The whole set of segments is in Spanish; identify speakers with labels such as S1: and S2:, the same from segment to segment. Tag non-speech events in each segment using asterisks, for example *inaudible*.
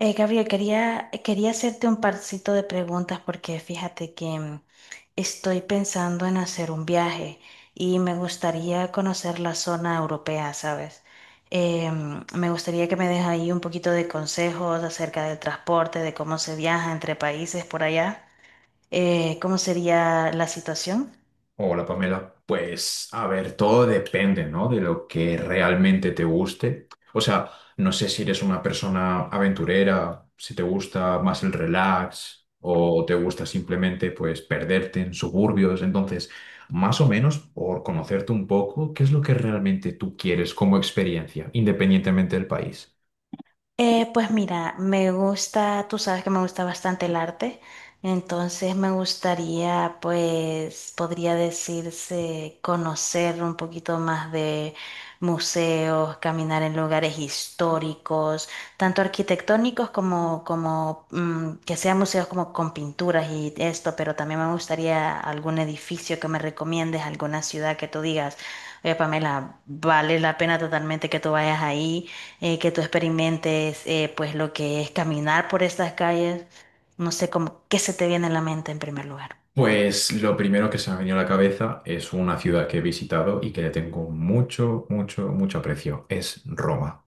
S1: Gabriel, quería hacerte un parcito de preguntas porque fíjate que estoy pensando en hacer un viaje y me gustaría conocer la zona europea, ¿sabes? Me gustaría que me des ahí un poquito de consejos acerca del transporte, de cómo se viaja entre países por allá. ¿Cómo sería la situación?
S2: Hola Pamela, pues a ver, todo depende, ¿no? De lo que realmente te guste. O sea, no sé si eres una persona aventurera, si te gusta más el relax o te gusta simplemente pues perderte en suburbios. Entonces, más o menos por conocerte un poco, ¿qué es lo que realmente tú quieres como experiencia, independientemente del país?
S1: Pues mira, me gusta, tú sabes que me gusta bastante el arte, entonces me gustaría, pues, podría decirse, conocer un poquito más de museos, caminar en lugares históricos, tanto arquitectónicos como, como que sean museos como con pinturas y esto, pero también me gustaría algún edificio que me recomiendes, alguna ciudad que tú digas, oye, Pamela, vale la pena totalmente que tú vayas ahí que tú experimentes pues lo que es caminar por estas calles, no sé cómo, qué se te viene a la mente en primer lugar.
S2: Pues lo primero que se me ha venido a la cabeza es una ciudad que he visitado y que le tengo mucho, mucho, mucho aprecio. Es Roma.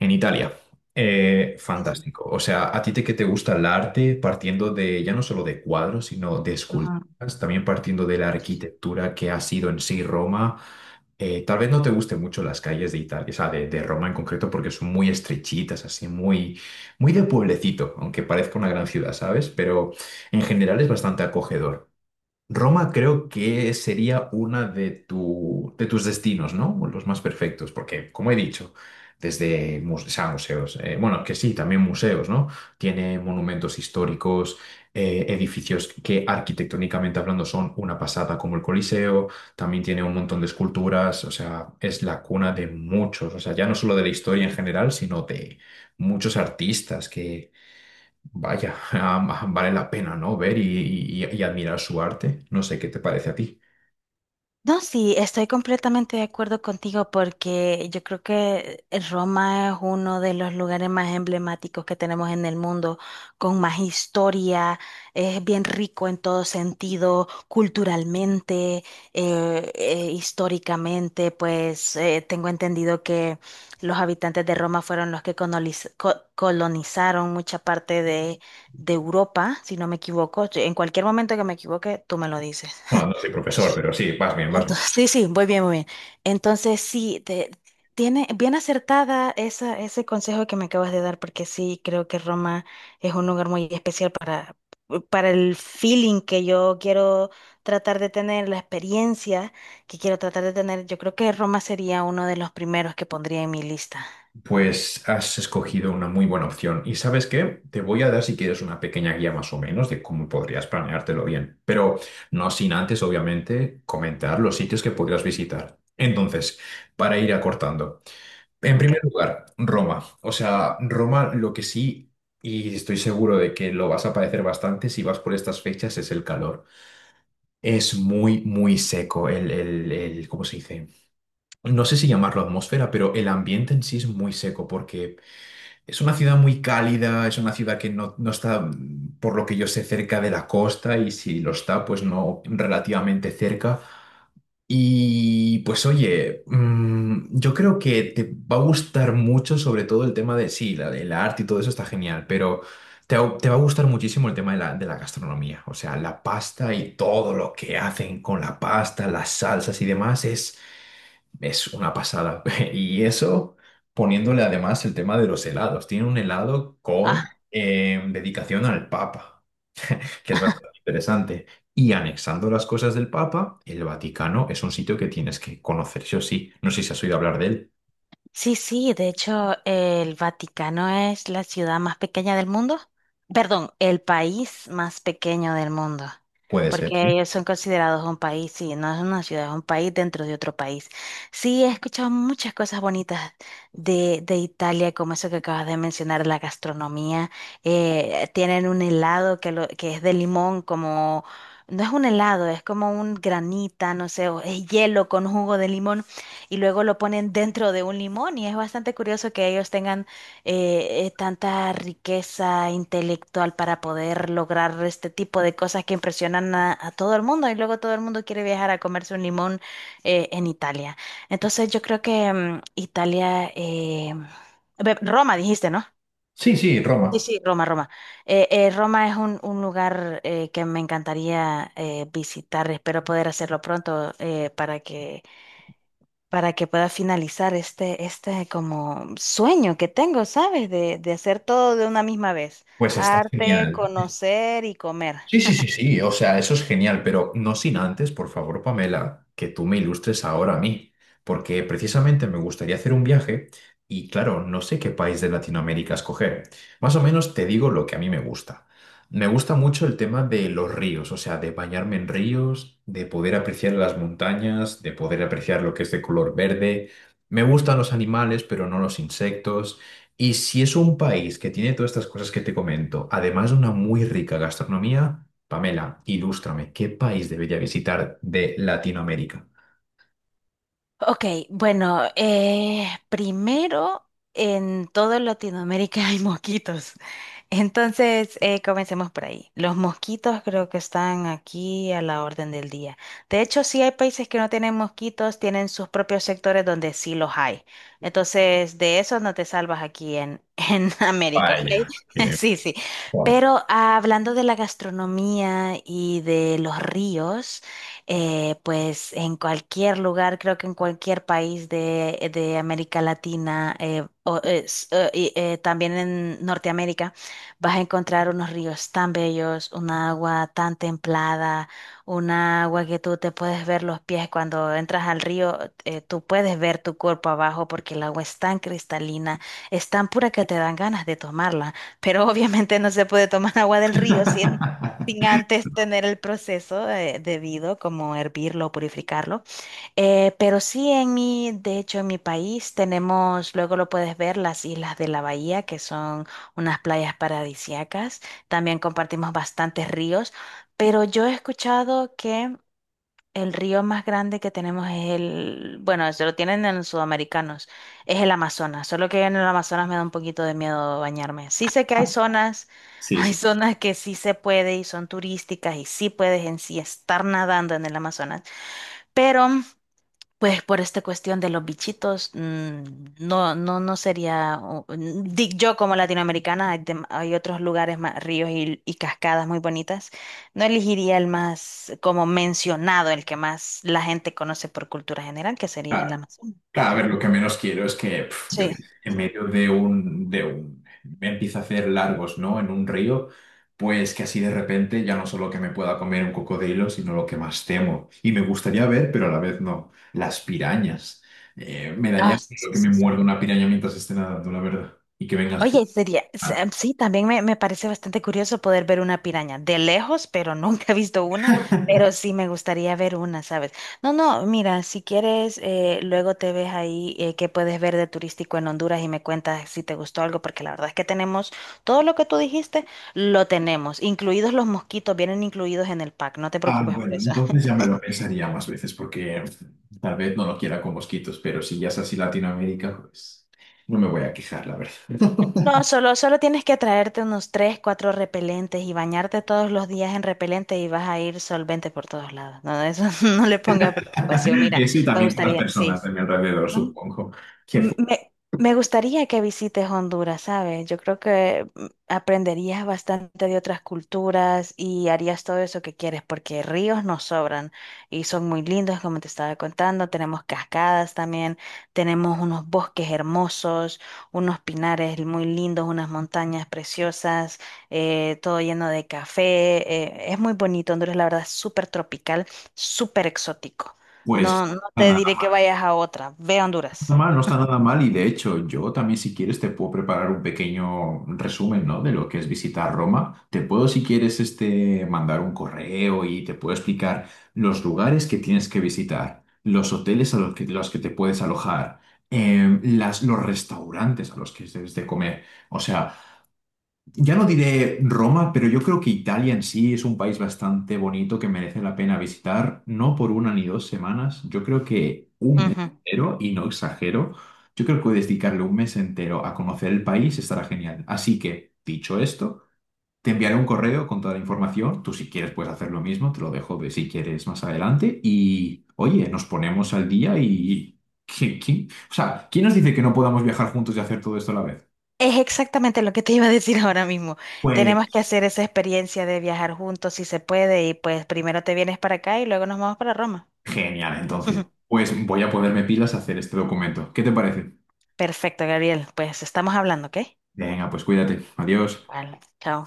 S2: En Italia.
S1: Sí, sí.
S2: Fantástico. O sea, a ti te, que te gusta el arte, partiendo de ya no solo de cuadros, sino de
S1: Ujú.
S2: esculturas, también partiendo de la arquitectura que ha sido en sí Roma. Tal vez no te gusten mucho las calles de Italia, o sea, de Roma en concreto, porque son muy estrechitas, así muy, muy de pueblecito, aunque parezca una gran ciudad, ¿sabes? Pero en general es bastante acogedor. Roma creo que sería una de, de tus destinos, ¿no? Los más perfectos, porque, como he dicho, desde o sea, museos, bueno, que sí, también museos, ¿no? Tiene monumentos históricos, edificios que arquitectónicamente hablando son una pasada, como el Coliseo, también tiene un montón de esculturas, o sea, es la cuna de muchos, o sea, ya no solo de la historia en general, sino de muchos artistas que vaya, *laughs* vale la pena, ¿no? Ver y, y admirar su arte. No sé qué te parece a ti.
S1: No, sí, estoy completamente de acuerdo contigo porque yo creo que Roma es uno de los lugares más emblemáticos que tenemos en el mundo, con más historia, es bien rico en todo sentido, culturalmente, históricamente, pues tengo entendido que los habitantes de Roma fueron los que colonizaron mucha parte de Europa, si no me equivoco. En cualquier momento que me equivoque, tú me lo dices.
S2: Bueno, no soy profesor, pero sí, vas bien, vas bien.
S1: Entonces, sí, sí, muy bien, muy bien. Entonces, sí, tiene bien acertada esa, ese consejo que me acabas de dar, porque sí, creo que Roma es un lugar muy especial para el feeling que yo quiero tratar de tener, la experiencia que quiero tratar de tener. Yo creo que Roma sería uno de los primeros que pondría en mi lista.
S2: Pues has escogido una muy buena opción. ¿Y sabes qué? Te voy a dar, si quieres, una pequeña guía más o menos de cómo podrías planeártelo bien. Pero no sin antes, obviamente, comentar los sitios que podrías visitar. Entonces, para ir acortando. En
S1: Ok.
S2: primer lugar, Roma. O sea, Roma lo que sí, y estoy seguro de que lo vas a padecer bastante si vas por estas fechas, es el calor. Es muy, muy seco ¿cómo se dice? No sé si llamarlo atmósfera, pero el ambiente en sí es muy seco porque es una ciudad muy cálida, es una ciudad que no, no está, por lo que yo sé, cerca de la costa y si lo está, pues no relativamente cerca. Y pues oye, yo creo que te va a gustar mucho, sobre todo el tema de, sí, la, el arte y todo eso está genial, pero te va a gustar muchísimo el tema de de la gastronomía, o sea, la pasta y todo lo que hacen con la pasta, las salsas y demás es una pasada. *laughs* Y eso poniéndole además el tema de los helados. Tiene un helado con dedicación al Papa que es bastante interesante. Y anexando las cosas del Papa, el Vaticano es un sitio que tienes que conocer, sí o sí. No sé si has oído hablar de él.
S1: Sí, sí, de hecho, el Vaticano es la ciudad más pequeña del mundo. Perdón, el país más pequeño del mundo,
S2: Puede ser,
S1: porque
S2: sí.
S1: ellos son considerados un país, sí, no es una ciudad, es un país dentro de otro país. Sí, he escuchado muchas cosas bonitas de Italia, como eso que acabas de mencionar, la gastronomía. Tienen un helado que, lo, que es de limón, como, no es un helado, es como un granita, no sé, o es hielo con jugo de limón y luego lo ponen dentro de un limón y es bastante curioso que ellos tengan tanta riqueza intelectual para poder lograr este tipo de cosas que impresionan a todo el mundo y luego todo el mundo quiere viajar a comerse un limón en Italia. Entonces yo creo que Italia, Roma dijiste, ¿no?
S2: Sí, sí, Roma.
S1: Sí, sí, Roma, Roma. Roma es un lugar que me encantaría visitar. Espero poder hacerlo pronto para que pueda finalizar este, este como sueño que tengo, ¿sabes? De hacer todo de una misma vez,
S2: Pues está
S1: arte,
S2: genial.
S1: conocer y comer.
S2: Sí, sí, sí, sí, o sea, eso es genial, pero no sin antes, por favor, Pamela, que tú me ilustres ahora a mí, porque precisamente me gustaría hacer un viaje y claro, no sé qué país de Latinoamérica escoger. Más o menos te digo lo que a mí me gusta. Me gusta mucho el tema de los ríos, o sea, de bañarme en ríos, de poder apreciar las montañas, de poder apreciar lo que es de color verde. Me gustan los animales, pero no los insectos. Y si es un país que tiene todas estas cosas que te comento, además de una muy rica gastronomía, Pamela, ilústrame, ¿qué país debería visitar de Latinoamérica?
S1: Ok, bueno, primero en toda Latinoamérica hay mosquitos. *laughs* Entonces, comencemos por ahí. Los mosquitos creo que están aquí a la orden del día. De hecho, sí hay países que no tienen mosquitos, tienen sus propios sectores donde sí los hay. Entonces, de eso no te salvas aquí en *laughs* América, ¿ok?
S2: Vaya,
S1: *laughs*
S2: que-
S1: Sí, sí.
S2: Joder.
S1: Pero ah, hablando de la gastronomía y de los ríos pues en cualquier lugar, creo que en cualquier país de América Latina, también en Norteamérica, vas a encontrar unos ríos tan bellos, una agua tan templada, una agua que tú te puedes ver los pies cuando entras al río, tú puedes ver tu cuerpo abajo porque el agua es tan cristalina, es tan pura que te dan ganas de tomarla, pero *laughs* obviamente no se puede tomar agua del río sin antes tener el proceso debido, como hervirlo o purificarlo. Pero sí, en mi, de hecho, en mi país tenemos, luego lo puedes ver, las Islas de la Bahía, que son unas playas paradisíacas. También compartimos bastantes ríos, pero yo he escuchado que el río más grande que tenemos es el, bueno, eso lo tienen en los sudamericanos, es el Amazonas, solo que en el Amazonas me da un poquito de miedo bañarme. Sí sé que hay zonas, *laughs*
S2: Sí,
S1: hay
S2: sí.
S1: zonas que sí se puede y son turísticas y sí puedes en sí estar nadando en el Amazonas, pero pues por esta cuestión de los bichitos, no, no, no sería, yo como latinoamericana, hay, hay otros lugares más, ríos y cascadas muy bonitas, no elegiría el más, como mencionado, el que más la gente conoce por cultura general, que sería el Amazonas.
S2: Claro, a
S1: Sí.
S2: ver, lo que menos quiero es que pf, yo qué sé,
S1: Sí.
S2: en medio de un, me empieza a hacer largos, ¿no? En un río, pues que así de repente ya no solo que me pueda comer un cocodrilo, sino lo que más temo. Y me gustaría ver, pero a la vez no, las pirañas. Me daría
S1: Ah,
S2: miedo
S1: sí,
S2: que me
S1: sí, sí.
S2: muerda una piraña mientras esté nadando, la verdad, y que vengas tú.
S1: Oye, sería,
S2: Ah,
S1: sí, también me parece bastante curioso poder ver una piraña de lejos, pero *laughs* nunca he visto una, pero
S2: *laughs*
S1: sí me gustaría ver una, ¿sabes? No, no, mira, si quieres, luego te ves ahí qué puedes ver de turístico en Honduras y me cuentas si te gustó algo, porque la verdad es que tenemos todo lo que tú dijiste, lo tenemos, incluidos los mosquitos, vienen incluidos en el pack, no te
S2: ah,
S1: preocupes por
S2: bueno,
S1: eso.
S2: entonces ya me lo pensaría más veces, porque pf, tal vez no lo quiera con mosquitos, pero si ya es así Latinoamérica, pues no me voy a quejar, la verdad.
S1: No, solo, solo tienes que traerte unos tres, cuatro repelentes y bañarte todos los días en repelente y vas a ir solvente por todos lados. No, eso *laughs* no le ponga preocupación.
S2: *laughs*
S1: Mira,
S2: Eso y
S1: me
S2: también con las
S1: gustaría, sí,
S2: personas de
S1: sí.
S2: mi alrededor,
S1: No,
S2: supongo. Que fu-
S1: me, me gustaría que visites Honduras, ¿sabes? Yo creo que aprenderías bastante de otras culturas y harías todo eso que quieres, porque ríos nos sobran y son muy lindos, como te estaba contando. Tenemos cascadas también, tenemos unos bosques hermosos, unos pinares muy lindos, unas montañas preciosas, todo lleno de café. Es muy bonito, Honduras, la verdad, es súper tropical, súper exótico.
S2: pues
S1: No, no
S2: no está
S1: te diré que
S2: nada
S1: vayas a otra. Ve a Honduras.
S2: mal, no está nada mal. Y de hecho, yo también, si quieres, te puedo preparar un pequeño resumen, ¿no? De lo que es visitar Roma. Te puedo, si quieres, este, mandar un correo y te puedo explicar los lugares que tienes que visitar, los hoteles a los que te puedes alojar, las, los restaurantes a los que debes de comer. O sea. Ya no diré Roma, pero yo creo que Italia en sí es un país bastante bonito que merece la pena visitar, no por una ni dos semanas, yo creo que un mes
S1: Ujú.
S2: entero, y no exagero, yo creo que puedes dedicarle un mes entero a conocer el país, estará genial. Así que, dicho esto, te enviaré un correo con toda la información, tú si quieres puedes hacer lo mismo, te lo dejo de si quieres más adelante, y oye, nos ponemos al día y... O sea, ¿quién nos dice que no podamos viajar juntos y hacer todo esto a la vez?
S1: Es exactamente lo que te iba a decir ahora mismo. Tenemos que
S2: Pues...
S1: hacer esa experiencia de viajar juntos si se puede y pues primero te vienes para acá y luego nos vamos para Roma.
S2: Genial, entonces.
S1: *laughs*
S2: Pues voy a ponerme pilas a hacer este documento. ¿Qué te parece?
S1: Perfecto, Gabriel. Pues estamos hablando, ¿ok?
S2: Venga, pues cuídate. Adiós.
S1: Vale, chao.